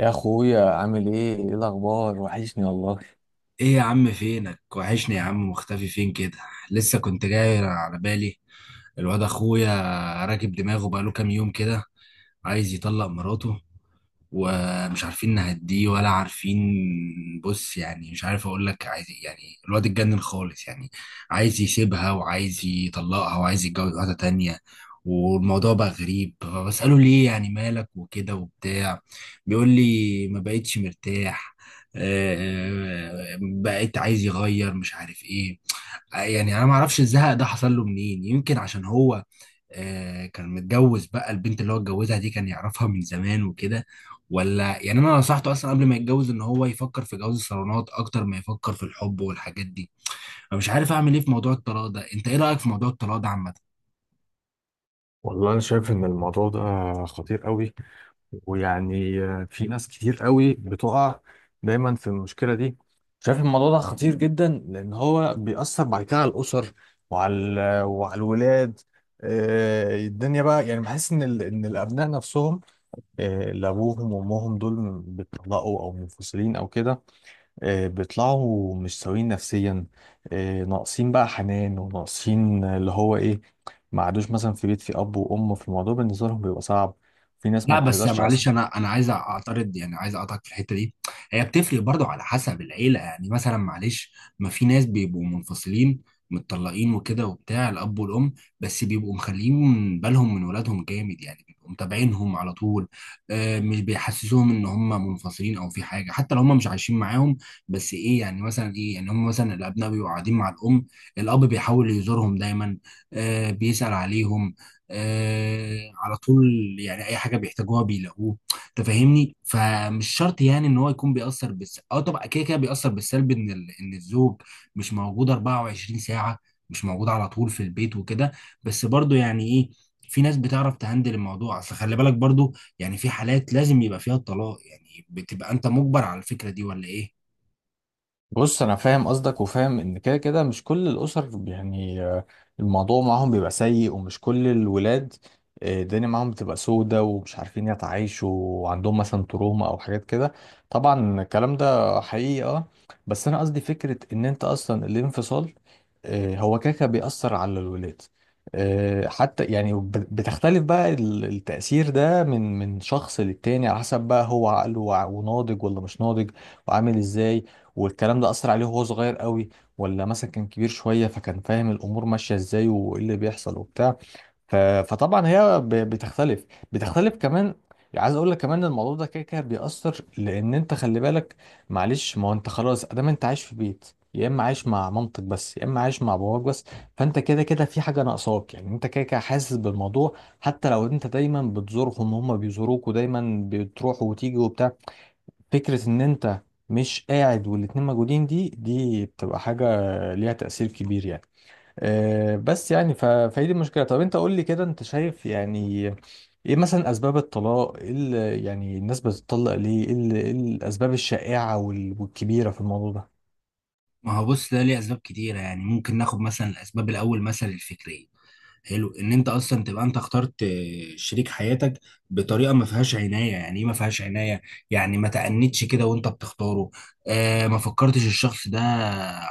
يا اخويا، عامل ايه؟ ايه الاخبار؟ وحشني والله. ايه يا عم؟ فينك، وحشني يا عم. مختفي فين كده؟ لسه كنت جاي على بالي. الواد اخويا راكب دماغه بقاله كام يوم كده، عايز يطلق مراته ومش عارفين نهديه ولا عارفين. بص، يعني مش عارف اقول لك عايز إيه. يعني الواد اتجنن خالص يعني. عايز يسيبها وعايز يطلقها وعايز يتجوز واحدة تانية، والموضوع بقى غريب، فبسأله ليه يعني، مالك وكده وبتاع. بيقول لي ما بقتش مرتاح، بقيت عايز يغير مش عارف ايه. يعني انا ما اعرفش الزهق ده حصل له منين، يمكن عشان هو كان متجوز بقى. البنت اللي هو اتجوزها دي كان يعرفها من زمان وكده. ولا يعني انا نصحته اصلا قبل ما يتجوز ان هو يفكر في جواز الصالونات اكتر ما يفكر في الحب والحاجات دي. فمش عارف اعمل ايه في موضوع الطلاق ده. انت ايه رأيك في موضوع الطلاق ده عامة؟ والله أنا شايف إن الموضوع ده خطير قوي، ويعني في ناس كتير قوي بتقع دايما في المشكلة دي. شايف الموضوع ده خطير جدا، لأن هو بيأثر بعد كده على الأسر، وعلى الولاد. الدنيا بقى يعني بحس إن الأبناء نفسهم، اللي أبوهم وأمهم دول بيتطلقوا أو منفصلين أو كده، بيطلعوا مش سويين نفسيا، ناقصين بقى حنان، وناقصين اللي هو ايه. ما عادوش مثلا في بيت، في اب وام، في الموضوع بالنسبه لهم بيبقى صعب، في ناس ما لا بس بتقدرش معلش اصلا. انا عايز اعترض، يعني عايز اقطعك في الحته دي. هي بتفرق برضو على حسب العيله، يعني مثلا معلش، ما في ناس بيبقوا منفصلين متطلقين وكده وبتاع، الاب والام، بس بيبقوا مخليين بالهم من ولادهم جامد، يعني بيبقوا متابعينهم على طول. آه، مش بيحسسوهم ان هم منفصلين او في حاجه، حتى لو هم مش عايشين معاهم. بس ايه يعني، مثلا ايه يعني، هم مثلا الابناء بيبقوا قاعدين مع الام، الاب بيحاول يزورهم دايما، آه، بيسال عليهم، آه، على طول. يعني اي حاجه بيحتاجوها بيلاقوه. انت فاهمني؟ فمش شرط يعني ان هو يكون بيأثر بالس اه طبعا كده كده بيأثر بالسلب ان الزوج مش موجود 24 ساعه، مش موجود على طول في البيت وكده. بس برضو يعني ايه، في ناس بتعرف تهندل الموضوع. اصل خلي بالك برضو، يعني في حالات لازم يبقى فيها الطلاق، يعني بتبقى انت مجبر على الفكره دي ولا ايه؟ بص، انا فاهم قصدك، وفاهم ان كده كده مش كل الاسر يعني، الموضوع معاهم بيبقى سيء، ومش كل الولاد الدنيا معاهم بتبقى سودة، ومش عارفين يتعايشوا، وعندهم مثلا تروما او حاجات كده. طبعا الكلام ده حقيقي، بس انا قصدي فكرة ان انت اصلا الانفصال هو كده كده بيأثر على الولاد، حتى يعني بتختلف بقى، التأثير ده من شخص للتاني، على حسب بقى هو عقله وناضج ولا مش ناضج، وعامل ازاي، والكلام ده أثر عليه وهو صغير قوي، ولا مثلا كان كبير شوية فكان فاهم الأمور ماشية إزاي وإيه اللي بيحصل وبتاع. فطبعا هي بتختلف، بتختلف كمان. عايز اقول لك كمان إن الموضوع ده كده كده بيأثر، لان انت خلي بالك، معلش ما هو انت خلاص ادام انت عايش في بيت، يا اما عايش مع مامتك بس، يا اما عايش مع باباك بس، فانت كده كده في حاجه ناقصاك، يعني انت كده كده حاسس بالموضوع، حتى لو انت دايما بتزورهم، هم بيزوروك، ودايما بتروح وتيجي وبتاع. فكرة ان انت مش قاعد والاتنين موجودين، دي بتبقى حاجة ليها تأثير كبير، يعني. بس يعني فهي دي المشكلة. طب انت قول لي كده، انت شايف يعني ايه مثلا اسباب الطلاق؟ ايه يعني الناس بتطلق ليه؟ ايه إيه الاسباب الشائعة والكبيرة في الموضوع ده؟ ما هو بص، ده ليه اسباب كتيره، يعني ممكن ناخد مثلا الاسباب، الاول مثلا الفكريه. حلو، ان انت اصلا تبقى انت اخترت شريك حياتك بطريقه ما فيهاش عنايه. يعني ايه ما فيهاش عنايه؟ يعني ما تأنيتش كده وانت بتختاره، آه، ما فكرتش الشخص ده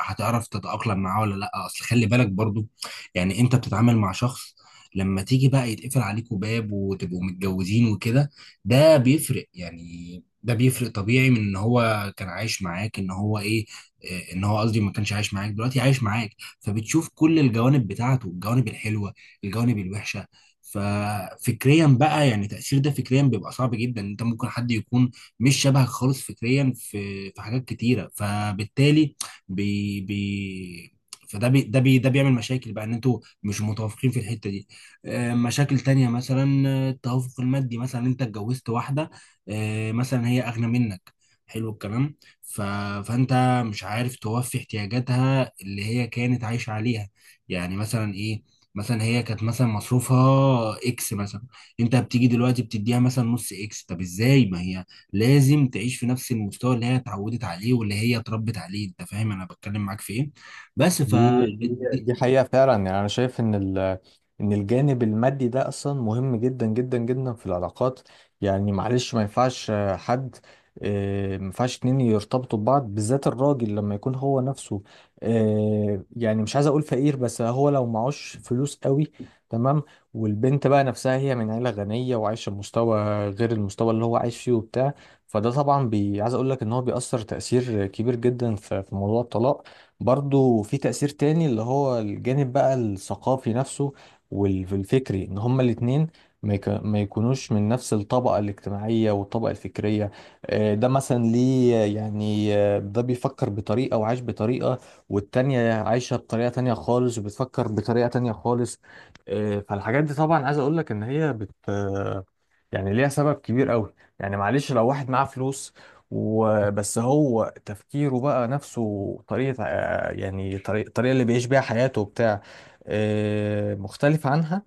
هتعرف تتأقلم معاه ولا لا. اصل خلي بالك برضو، يعني انت بتتعامل مع شخص، لما تيجي بقى يتقفل عليكوا باب وتبقوا متجوزين وكده، ده بيفرق يعني. ده بيفرق طبيعي من ان هو كان عايش معاك، ان هو ايه، آه، ان هو قصدي ما كانش عايش معاك دلوقتي عايش معاك، فبتشوف كل الجوانب بتاعته، الجوانب الحلوه، الجوانب الوحشه. ففكريا بقى، يعني تأثير ده فكريا بيبقى صعب جدا. انت ممكن حد يكون مش شبهك خالص فكريا في حاجات كتيره، فبالتالي بي بي فده بي ده بي ده بيعمل مشاكل بقى ان انتوا مش متوافقين في الحته دي. آه، مشاكل تانية مثلا، آه، التوافق المادي. مثلا انت اتجوزت واحده، آه، مثلا هي اغنى منك، حلو الكلام. ف... فانت مش عارف توفي احتياجاتها اللي هي كانت عايشه عليها. يعني مثلا ايه؟ مثلا هي كانت مثلا مصروفها اكس مثلا، انت بتيجي دلوقتي بتديها مثلا نص اكس. طب ازاي؟ ما هي لازم تعيش في نفس المستوى اللي هي اتعودت عليه واللي هي اتربت عليه. انت فاهم انا بتكلم معاك في ايه؟ بس ف دي حقيقة فعلا، يعني أنا شايف إن الجانب المادي ده أصلا مهم جدا جدا جدا في العلاقات. يعني معلش ما ينفعش حد، ما ينفعش اتنين يرتبطوا ببعض، بالذات الراجل لما يكون هو نفسه يعني مش عايز أقول فقير، بس هو لو معهوش فلوس قوي، تمام، والبنت بقى نفسها هي من عيلة غنية وعايشة بمستوى غير المستوى اللي هو عايش فيه وبتاع. فده طبعا بي عايز أقول لك إن هو بيأثر تأثير كبير جدا في موضوع الطلاق. برضو في تأثير تاني، اللي هو الجانب بقى الثقافي نفسه، والفكري، ان هما الاتنين ما يكونوش من نفس الطبقة الاجتماعية والطبقة الفكرية. ده مثلا ليه؟ يعني ده بيفكر بطريقة وعايش بطريقة، والتانية عايشة بطريقة تانية خالص، وبتفكر بطريقة تانية خالص. فالحاجات دي طبعا عايز اقولك ان هي بت آه، يعني ليها سبب كبير قوي. يعني معلش لو واحد معاه فلوس وبس، هو تفكيره بقى نفسه طريقة، يعني طريقة الطريقة اللي بيعيش بيها حياته وبتاع مختلف عنها،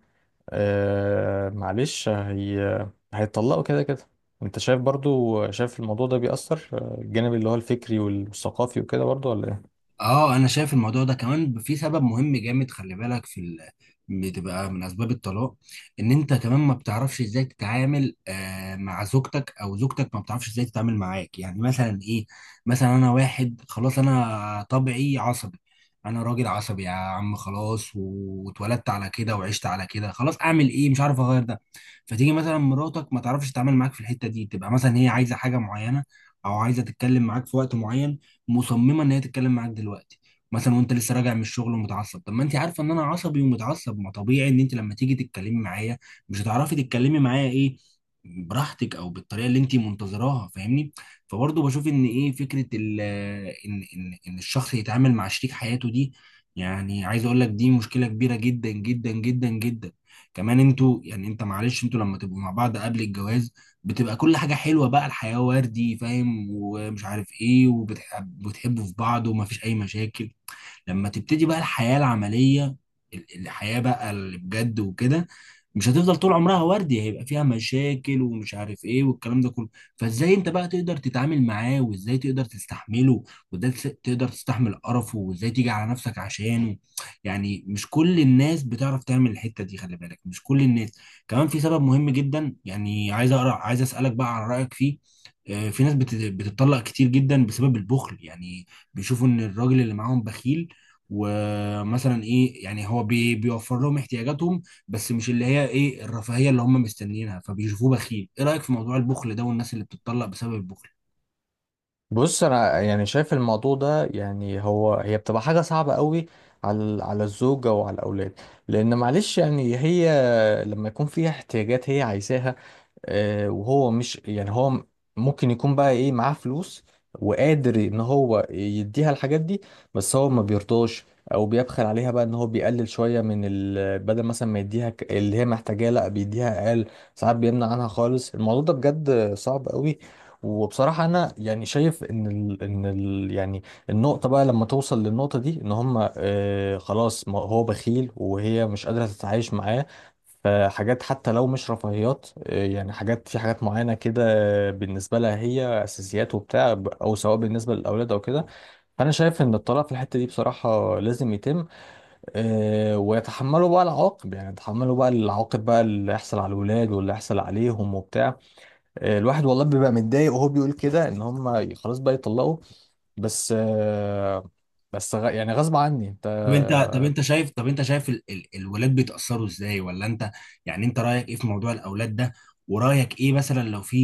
معلش هي هيتطلقوا كده كده. انت شايف برضو، شايف الموضوع ده بيأثر الجانب اللي هو الفكري والثقافي وكده، برضو ولا ايه؟ اه انا شايف الموضوع ده كمان في سبب مهم جامد، خلي بالك بتبقى من اسباب الطلاق ان انت كمان ما بتعرفش ازاي تتعامل مع زوجتك، او زوجتك ما بتعرفش ازاي تتعامل معاك. يعني مثلا ايه؟ مثلا انا واحد خلاص، انا طبعي عصبي، انا راجل عصبي يا عم، خلاص، واتولدت على كده وعشت على كده، خلاص اعمل ايه؟ مش عارف اغير ده. فتيجي مثلا مراتك ما تعرفش تتعامل معاك في الحتة دي، تبقى مثلا هي عايزة حاجة معينة او عايزة تتكلم معاك في وقت معين، مصممه ان هي تتكلم معاك دلوقتي مثلا، وانت لسه راجع من الشغل ومتعصب. طب ما انت عارفه ان انا عصبي ومتعصب، ما طبيعي ان انت لما تيجي تتكلمي معايا مش هتعرفي تتكلمي معايا ايه براحتك، او بالطريقه اللي انت منتظراها، فاهمني؟ فبرضه بشوف ان ايه فكره ان الشخص يتعامل مع شريك حياته دي. يعني عايز اقول لك دي مشكله كبيره جدا جدا جدا جدا. كمان انتوا، يعني انت معلش، انتوا لما تبقوا مع بعض قبل الجواز بتبقى كل حاجة حلوة بقى، الحياة وردي، فاهم، ومش عارف ايه، وبتحب بتحبوا في بعض ومفيش أي مشاكل. لما تبتدي بقى الحياة العملية، الحياة بقى اللي بجد وكده، مش هتفضل طول عمرها وردي، هيبقى فيها مشاكل ومش عارف ايه والكلام ده كله. فازاي انت بقى تقدر تتعامل معاه، وازاي تقدر تستحمله، وازاي تقدر تستحمل قرفه، وازاي تيجي على نفسك عشانه؟ يعني مش كل الناس بتعرف تعمل الحتة دي، خلي بالك مش كل الناس. كمان في سبب مهم جدا، يعني عايز اقرا عايز اسالك بقى عن رايك فيه. آه، في ناس بتتطلق كتير جدا بسبب البخل، يعني بيشوفوا ان الراجل اللي معاهم بخيل، ومثلا ايه يعني هو بيوفر لهم احتياجاتهم، بس مش اللي هي ايه، الرفاهيه اللي هم مستنيينها، فبيشوفوه بخيل. ايه رايك في موضوع البخل ده والناس اللي بتتطلق بسبب البخل؟ بص انا يعني شايف الموضوع ده، يعني هي بتبقى حاجه صعبه قوي على الزوجه وعلى الاولاد، لان معلش يعني هي لما يكون فيها احتياجات هي عايزاها، وهو مش يعني ممكن يكون بقى ايه معاه فلوس وقادر ان هو يديها الحاجات دي، بس هو ما بيرضاش، او بيبخل عليها، بقى ان هو بيقلل شويه بدل مثلا ما يديها، اللي هي محتاجاه، لا بيديها اقل، ساعات بيمنع عنها خالص. الموضوع ده بجد صعب قوي. وبصراحة أنا يعني شايف إن ال إن ال يعني النقطة بقى لما توصل للنقطة دي، إن هما خلاص، ما هو بخيل وهي مش قادرة تتعايش معاه، فحاجات حتى لو مش رفاهيات، يعني حاجات، في حاجات معينة كده، بالنسبة لها هي أساسيات وبتاع، أو سواء بالنسبة للأولاد أو كده، فأنا شايف إن الطلاق في الحتة دي بصراحة لازم يتم، ويتحملوا بقى العواقب، يعني يتحملوا بقى العواقب بقى، اللي يحصل على الولاد واللي يحصل عليهم وبتاع. الواحد والله بيبقى متضايق وهو بيقول كده ان هم خلاص بقى يطلقوا، بس بس يعني غصب عني انت. طب انت شايف الولاد بيتاثروا ازاي؟ ولا انت، يعني انت رايك ايه في موضوع الاولاد ده، ورايك ايه مثلا لو في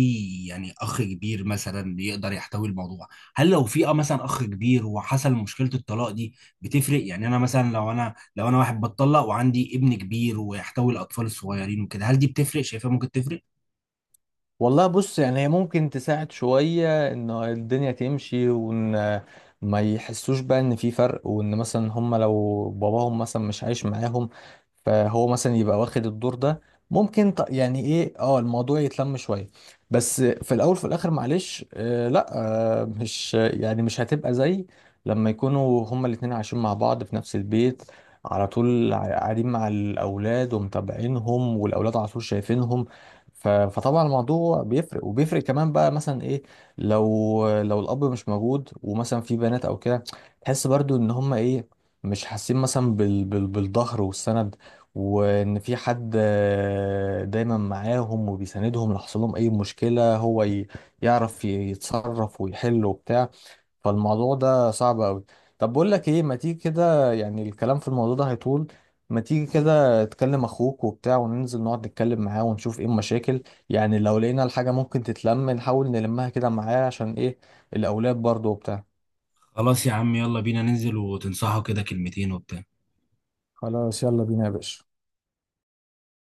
يعني اخ كبير مثلا يقدر يحتوي الموضوع؟ هل لو في مثلا اخ كبير وحصل مشكله الطلاق دي بتفرق؟ يعني انا مثلا، لو انا واحد بتطلق وعندي ابن كبير ويحتوي الاطفال الصغيرين وكده، هل دي بتفرق؟ شايفها ممكن تفرق. والله بص، يعني هي ممكن تساعد شوية ان الدنيا تمشي، وان ما يحسوش بقى ان في فرق، وان مثلا هم لو باباهم مثلا مش عايش معاهم، فهو مثلا يبقى واخد الدور ده، ممكن يعني ايه، اه الموضوع يتلم شوية، بس في الاول في الاخر معلش لا، مش يعني مش هتبقى زي لما يكونوا هما الاتنين عايشين مع بعض في نفس البيت، على طول قاعدين مع الاولاد ومتابعينهم، والاولاد على طول شايفينهم. فطبعا الموضوع بيفرق، وبيفرق كمان بقى مثلا ايه، لو الاب مش موجود ومثلا في بنات او كده، تحس برضو ان هم ايه، مش حاسين مثلا بالظهر والسند، وان في حد دايما معاهم وبيساندهم لو حصل لهم اي مشكله، يعرف يتصرف ويحل وبتاع. فالموضوع ده صعب قوي. طب بقول لك ايه، ما تيجي كده، يعني الكلام في الموضوع ده هيطول، ما تيجي كده تكلم اخوك وبتاع، وننزل نقعد نتكلم معاه ونشوف ايه المشاكل، يعني لو لقينا الحاجة ممكن تتلم نحاول نلمها كده معاه، عشان ايه، الاولاد برضه وبتاع. خلاص يا عم، يلا بينا ننزل وتنصحه كده كلمتين وبتاع. خلاص يلا بينا يا باشا.